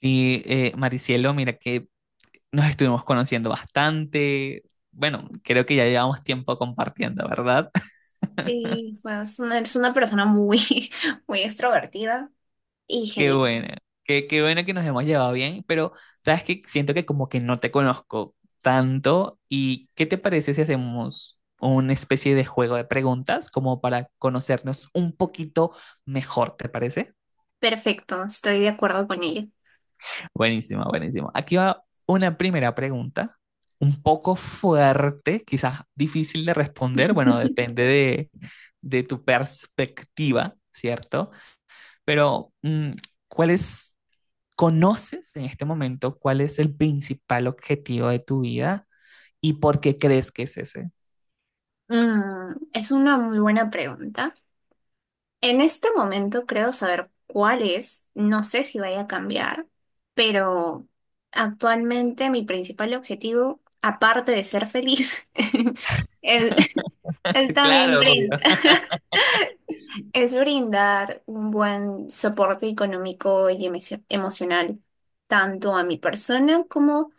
Maricielo, mira que nos estuvimos conociendo bastante. Bueno, creo que ya llevamos tiempo compartiendo, ¿verdad? Sí, o sea, eres una persona muy, muy extrovertida y Qué genial. bueno, qué bueno que nos hemos llevado bien, pero sabes que siento que como que no te conozco tanto. ¿Y qué te parece si hacemos una especie de juego de preguntas como para conocernos un poquito mejor, ¿te parece? Perfecto, estoy de acuerdo con ello. Buenísimo, buenísimo. Aquí va una primera pregunta, un poco fuerte, quizás difícil de responder, bueno, de tu perspectiva, ¿cierto? Pero, ¿cuál es, conoces en este momento cuál es el principal objetivo de tu vida y por qué crees que es ese? Es una muy buena pregunta. En este momento creo saber cuál es, no sé si vaya a cambiar, pero actualmente mi principal objetivo, aparte de ser feliz, es, es también Claro, obvio. brindar. Es brindar un buen soporte económico y emocional, tanto a mi persona como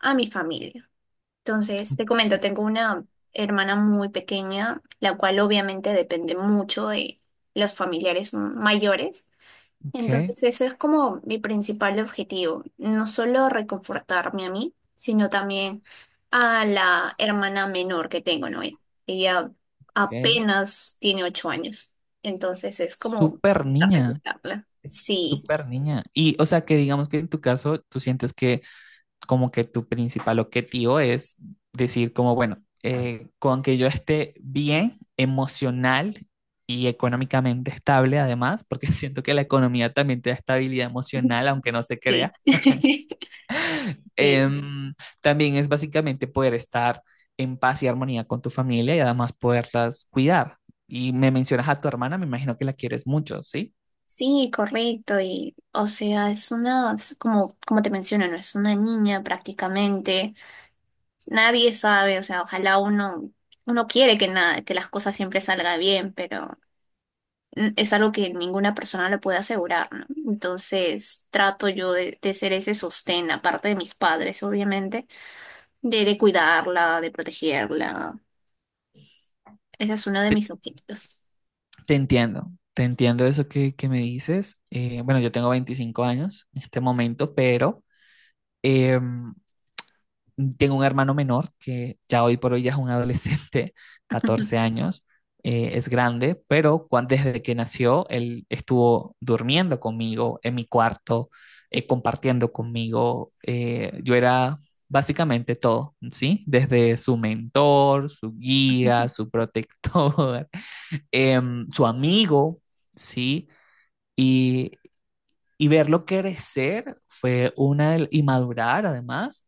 a mi familia. Entonces, te comento, tengo una hermana muy pequeña, la cual obviamente depende mucho de los familiares mayores. Ok, Entonces, ese es como mi principal objetivo, no solo reconfortarme a mí, sino también a la hermana menor que tengo, ¿no? Ella ok. apenas tiene 8 años, entonces es como Súper para niña, recuperarla. es Sí, súper niña. Y, o sea, que digamos que en tu caso, tú sientes que como que tu principal objetivo es decir como, bueno, con que yo esté bien emocional y económicamente estable además, porque siento que la economía también te da estabilidad emocional, aunque no se crea, sí, sí. em, también es básicamente poder estar en paz y armonía con tu familia y además poderlas cuidar. Y me mencionas a tu hermana, me imagino que la quieres mucho, ¿sí? Sí, correcto, y o sea, es como, como te menciono, no es una niña prácticamente, nadie sabe, o sea, uno quiere que nada, que las cosas siempre salgan bien, pero es algo que ninguna persona le puede asegurar, ¿no? Entonces trato yo de ser ese sostén, aparte de mis padres, obviamente, de cuidarla, de protegerla. Ese es uno de Te mis objetivos. te entiendo, te entiendo eso que me dices. Bueno, yo tengo 25 años en este momento, pero Em, tengo un hermano menor que ya hoy por hoy ya es un adolescente, 14 años, es grande, pero desde que nació él estuvo durmiendo conmigo en mi cuarto, compartiendo conmigo. Yo era básicamente todo, ¿sí? Desde su mentor, su guía, su protector, su amigo, ¿sí? Y, y verlo crecer fue una del- y madurar además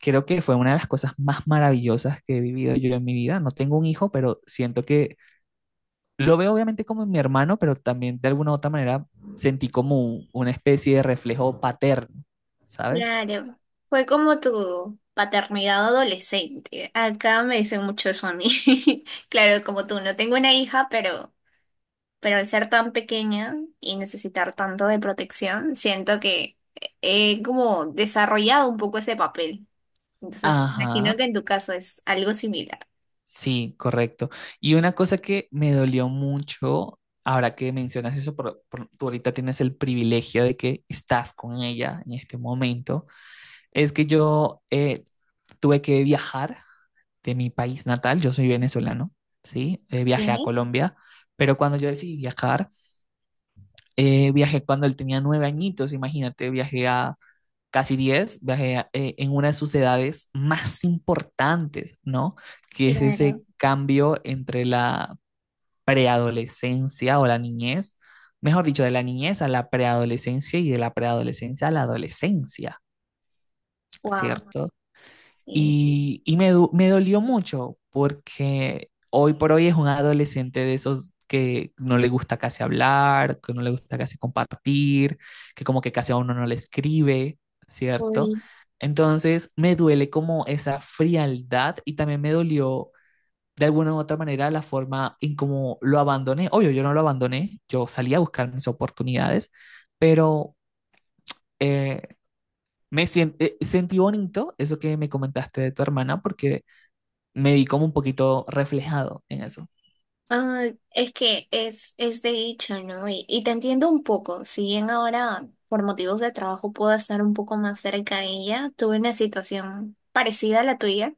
creo que fue una de las cosas más maravillosas que he vivido yo en mi vida. No tengo un hijo, pero siento que lo veo obviamente como mi hermano, pero también de alguna u otra manera sentí como una especie de reflejo paterno, ¿sabes? Claro, fue como tu paternidad adolescente. Acá me dicen mucho eso a mí. Claro, como tú, no tengo una hija, pero al ser tan pequeña y necesitar tanto de protección, siento que he como desarrollado un poco ese papel. Entonces, Ajá, imagino que en tu caso es algo similar. sí, correcto. Y una cosa que me dolió mucho, ahora que mencionas eso, tú ahorita tienes el privilegio de que estás con ella en este momento, es que yo tuve que viajar de mi país natal, yo soy venezolano, ¿sí? Viajé a Sí, Colombia, pero cuando yo decidí viajar, viajé cuando él tenía 9 añitos, imagínate, viajé a casi diez, en una de sus edades más importantes, ¿no? Que es claro. ese cambio entre la preadolescencia o la niñez, mejor dicho, de la niñez a la preadolescencia y de la preadolescencia a la adolescencia, Wow. ¿cierto? Sí. Y, me dolió mucho porque hoy por hoy es un adolescente de esos que no le gusta casi hablar, que no le gusta casi compartir, que como que casi a uno no le escribe, ¿cierto? Uy. Entonces me duele como esa frialdad y también me dolió de alguna u otra manera la forma en cómo lo abandoné. Obvio, yo no lo abandoné, yo salí a buscar mis oportunidades, pero eh, sentí bonito eso que me comentaste de tu hermana porque me vi como un poquito reflejado en eso. Ah, es de hecho, ¿no? Y te entiendo un poco, si bien ahora por motivos de trabajo puedo estar un poco más cerca de ella, tuve una situación parecida a la tuya,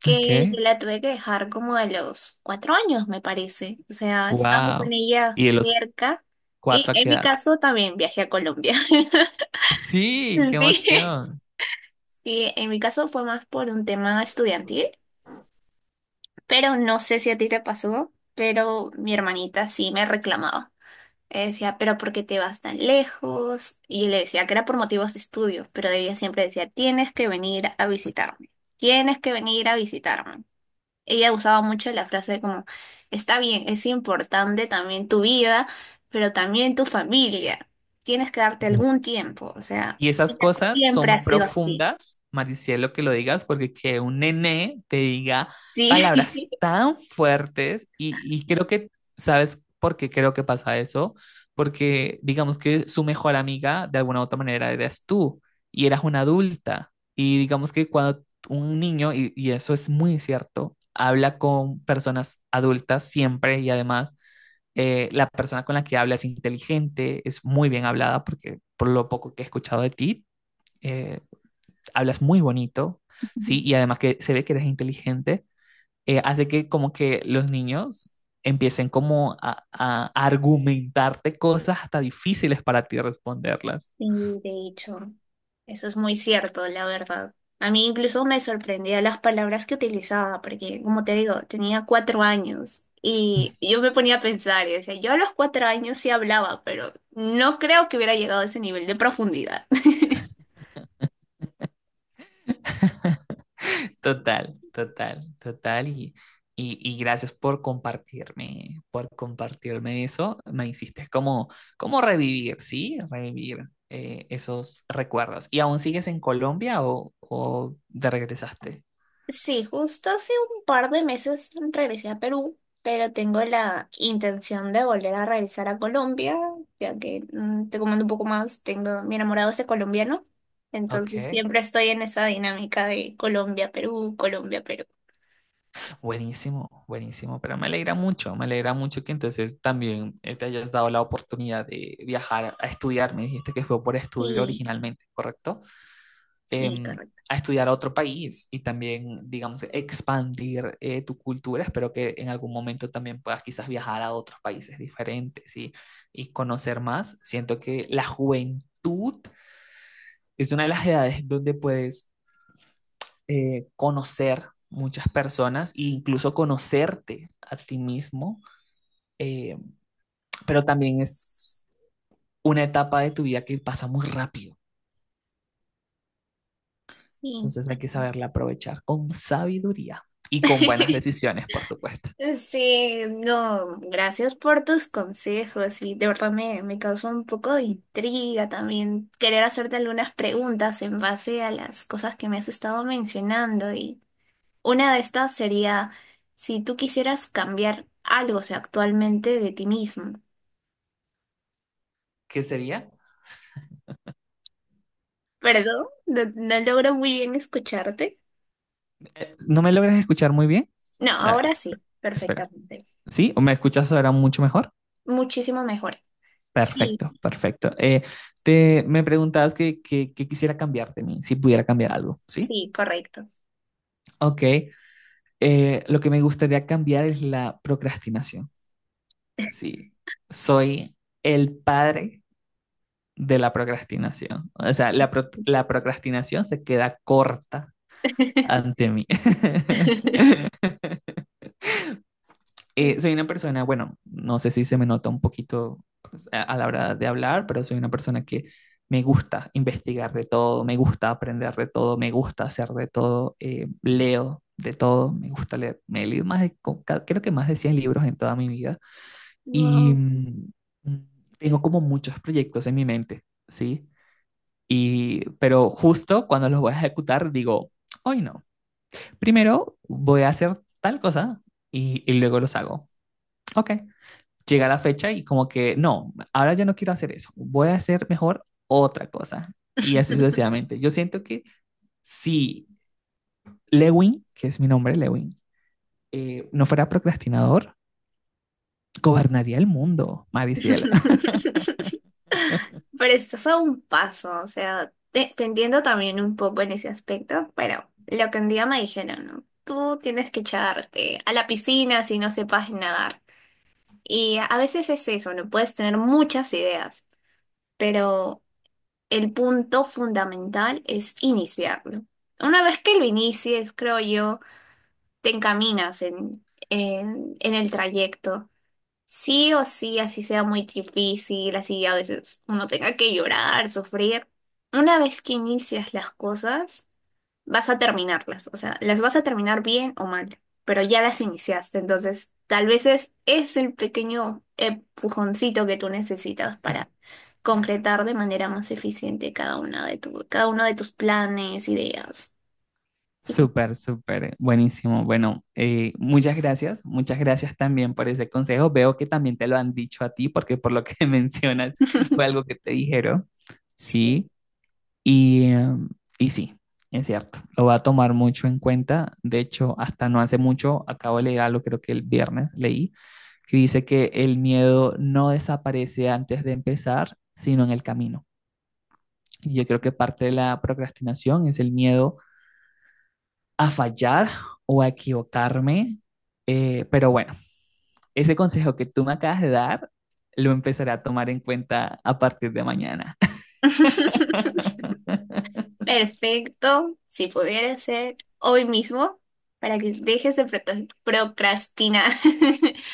que Ok. yo la tuve que dejar como a los 4 años, me parece. O sea, estaba con Wow. ella ¿Y de los cerca y cuatro a en qué mi edad? caso también viajé a Colombia. Sí, qué Sí. emoción. Sí, en mi caso fue más por un tema estudiantil, pero no sé si a ti te pasó, pero mi hermanita sí me reclamaba. Decía, pero ¿por qué te vas tan lejos? Y yo le decía que era por motivos de estudio, pero ella siempre decía, tienes que venir a visitarme, tienes que venir a visitarme. Ella usaba mucho la frase como, está bien, es importante también tu vida, pero también tu familia, tienes que darte algún tiempo, o sea, Y esas ella cosas siempre ha son sido así. profundas, Maricielo, que lo digas, porque que un nené te diga Sí. palabras tan fuertes y, ¿sabes por qué creo que pasa eso? Porque digamos que su mejor amiga, de alguna u otra manera, eras tú y eras una adulta. Y digamos que cuando un niño, y eso es muy cierto, habla con personas adultas siempre y además la persona con la que habla es inteligente, es muy bien hablada, porque por lo poco que he escuchado de ti, eh, hablas muy bonito, ¿sí? Y además que se ve que eres inteligente, hace que como que los niños empiecen como a argumentarte cosas hasta difíciles para ti responderlas. Sí, de hecho, eso es muy cierto, la verdad. A mí incluso me sorprendía las palabras que utilizaba, porque como te digo, tenía 4 años y yo me ponía a pensar y decía, yo a los 4 años sí hablaba, pero no creo que hubiera llegado a ese nivel de profundidad. Total, total, total. Y gracias por compartirme eso. Me hiciste como, como revivir, ¿sí? Revivir esos recuerdos. ¿Y aún sigues en Colombia o te regresaste? Sí, justo hace un par de meses regresé a Perú, pero tengo la intención de volver a regresar a Colombia, ya que te comento un poco más, tengo mi enamorado es de colombiano, entonces Ok, siempre estoy en esa dinámica de Colombia, Perú, Colombia, Perú. buenísimo, buenísimo. Pero me alegra mucho que entonces también te hayas dado la oportunidad de viajar a estudiar. Me dijiste que fue por estudio Sí, originalmente, ¿correcto? sí, Em, correcto, a estudiar a otro país y también, digamos, expandir tu cultura. Espero que en algún momento también puedas quizás viajar a otros países diferentes y conocer más. Siento que la juventud es una de las edades donde puedes conocer muchas personas e incluso conocerte a ti mismo, eh, pero también es una etapa de tu vida que pasa muy rápido. sí. Entonces hay que saberla aprovechar con sabiduría y con buenas decisiones, por supuesto. Sí, no, gracias por tus consejos y de verdad me causó un poco de intriga también querer hacerte algunas preguntas en base a las cosas que me has estado mencionando y una de estas sería si tú quisieras cambiar algo, o sea, actualmente de ti mismo. ¿Qué sería? ¿Perdón? No, no logro muy bien escucharte. ¿No me logras escuchar muy bien? No, A ver, ahora sí, espera. perfectamente. ¿Sí? ¿O me escuchas ahora mucho mejor? Muchísimo mejor. Sí, Perfecto, perfecto. Me preguntabas que, que quisiera cambiar de mí, si pudiera cambiar algo, ¿sí? sí, correcto. Ok. Lo que me gustaría cambiar es la procrastinación. Sí. Soy el padre de la procrastinación. O sea, la procrastinación se queda corta ante mí. Soy una persona, bueno, no sé si se me nota un poquito pues, a la hora de hablar, pero soy una persona que me gusta investigar de todo, me gusta aprender de todo, me gusta hacer de todo, leo de todo, me gusta leer. Me he leído más de, co- ca- creo que más de 100 libros en toda mi vida y No. Mm, tengo como muchos proyectos en mi mente, ¿sí? Y, pero justo cuando los voy a ejecutar, digo, hoy no. Primero voy a hacer tal cosa y luego los hago. Ok, llega la fecha y como que, no, ahora ya no quiero hacer eso, voy a hacer mejor otra cosa. Y así sucesivamente. Yo siento que si Lewin, que es mi nombre, Lewin, no fuera procrastinador, gobernaría el mundo, Mariciela. Pero estás a un paso, o sea, te entiendo también un poco en ese aspecto, pero lo que un día me dijeron, ¿no? Tú tienes que echarte a la piscina si no sepas nadar. Y a veces es eso, no puedes tener muchas ideas, pero el punto fundamental es iniciarlo. Una vez que lo inicies, creo yo, te encaminas en el trayecto. Sí o sí, así sea muy difícil, así a veces uno tenga que llorar, sufrir. Una vez que inicias las cosas, vas a terminarlas, o sea, las vas a terminar bien o mal, pero ya las iniciaste, entonces tal vez es el pequeño empujoncito que tú necesitas para concretar de manera más eficiente cada uno de tus planes, ideas. y co- Súper, súper, buenísimo. Bueno, muchas gracias también por ese consejo. Veo que también te lo han dicho a ti, porque por lo que mencionas fue algo que te dijeron. Sí. Sí, y, y sí, es cierto, lo va a tomar mucho en cuenta. De hecho, hasta no hace mucho, acabo de leer algo, creo que el viernes leí, que dice que el miedo no desaparece antes de empezar, sino en el camino. Y yo creo que parte de la procrastinación es el miedo a fallar o a equivocarme. Pero bueno, ese consejo que tú me acabas de dar, lo empezaré a tomar en cuenta a partir de mañana. Perfecto, si pudiera ser hoy mismo, para que dejes de procrastinar.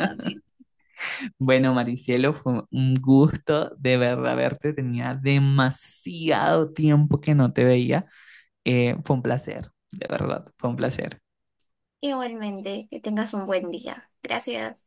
Amén. Bueno, Maricielo, fue un gusto de verdad verte. Tenía demasiado tiempo que no te veía. Fue un placer, de verdad, fue un placer. Igualmente, que tengas un buen día. Gracias.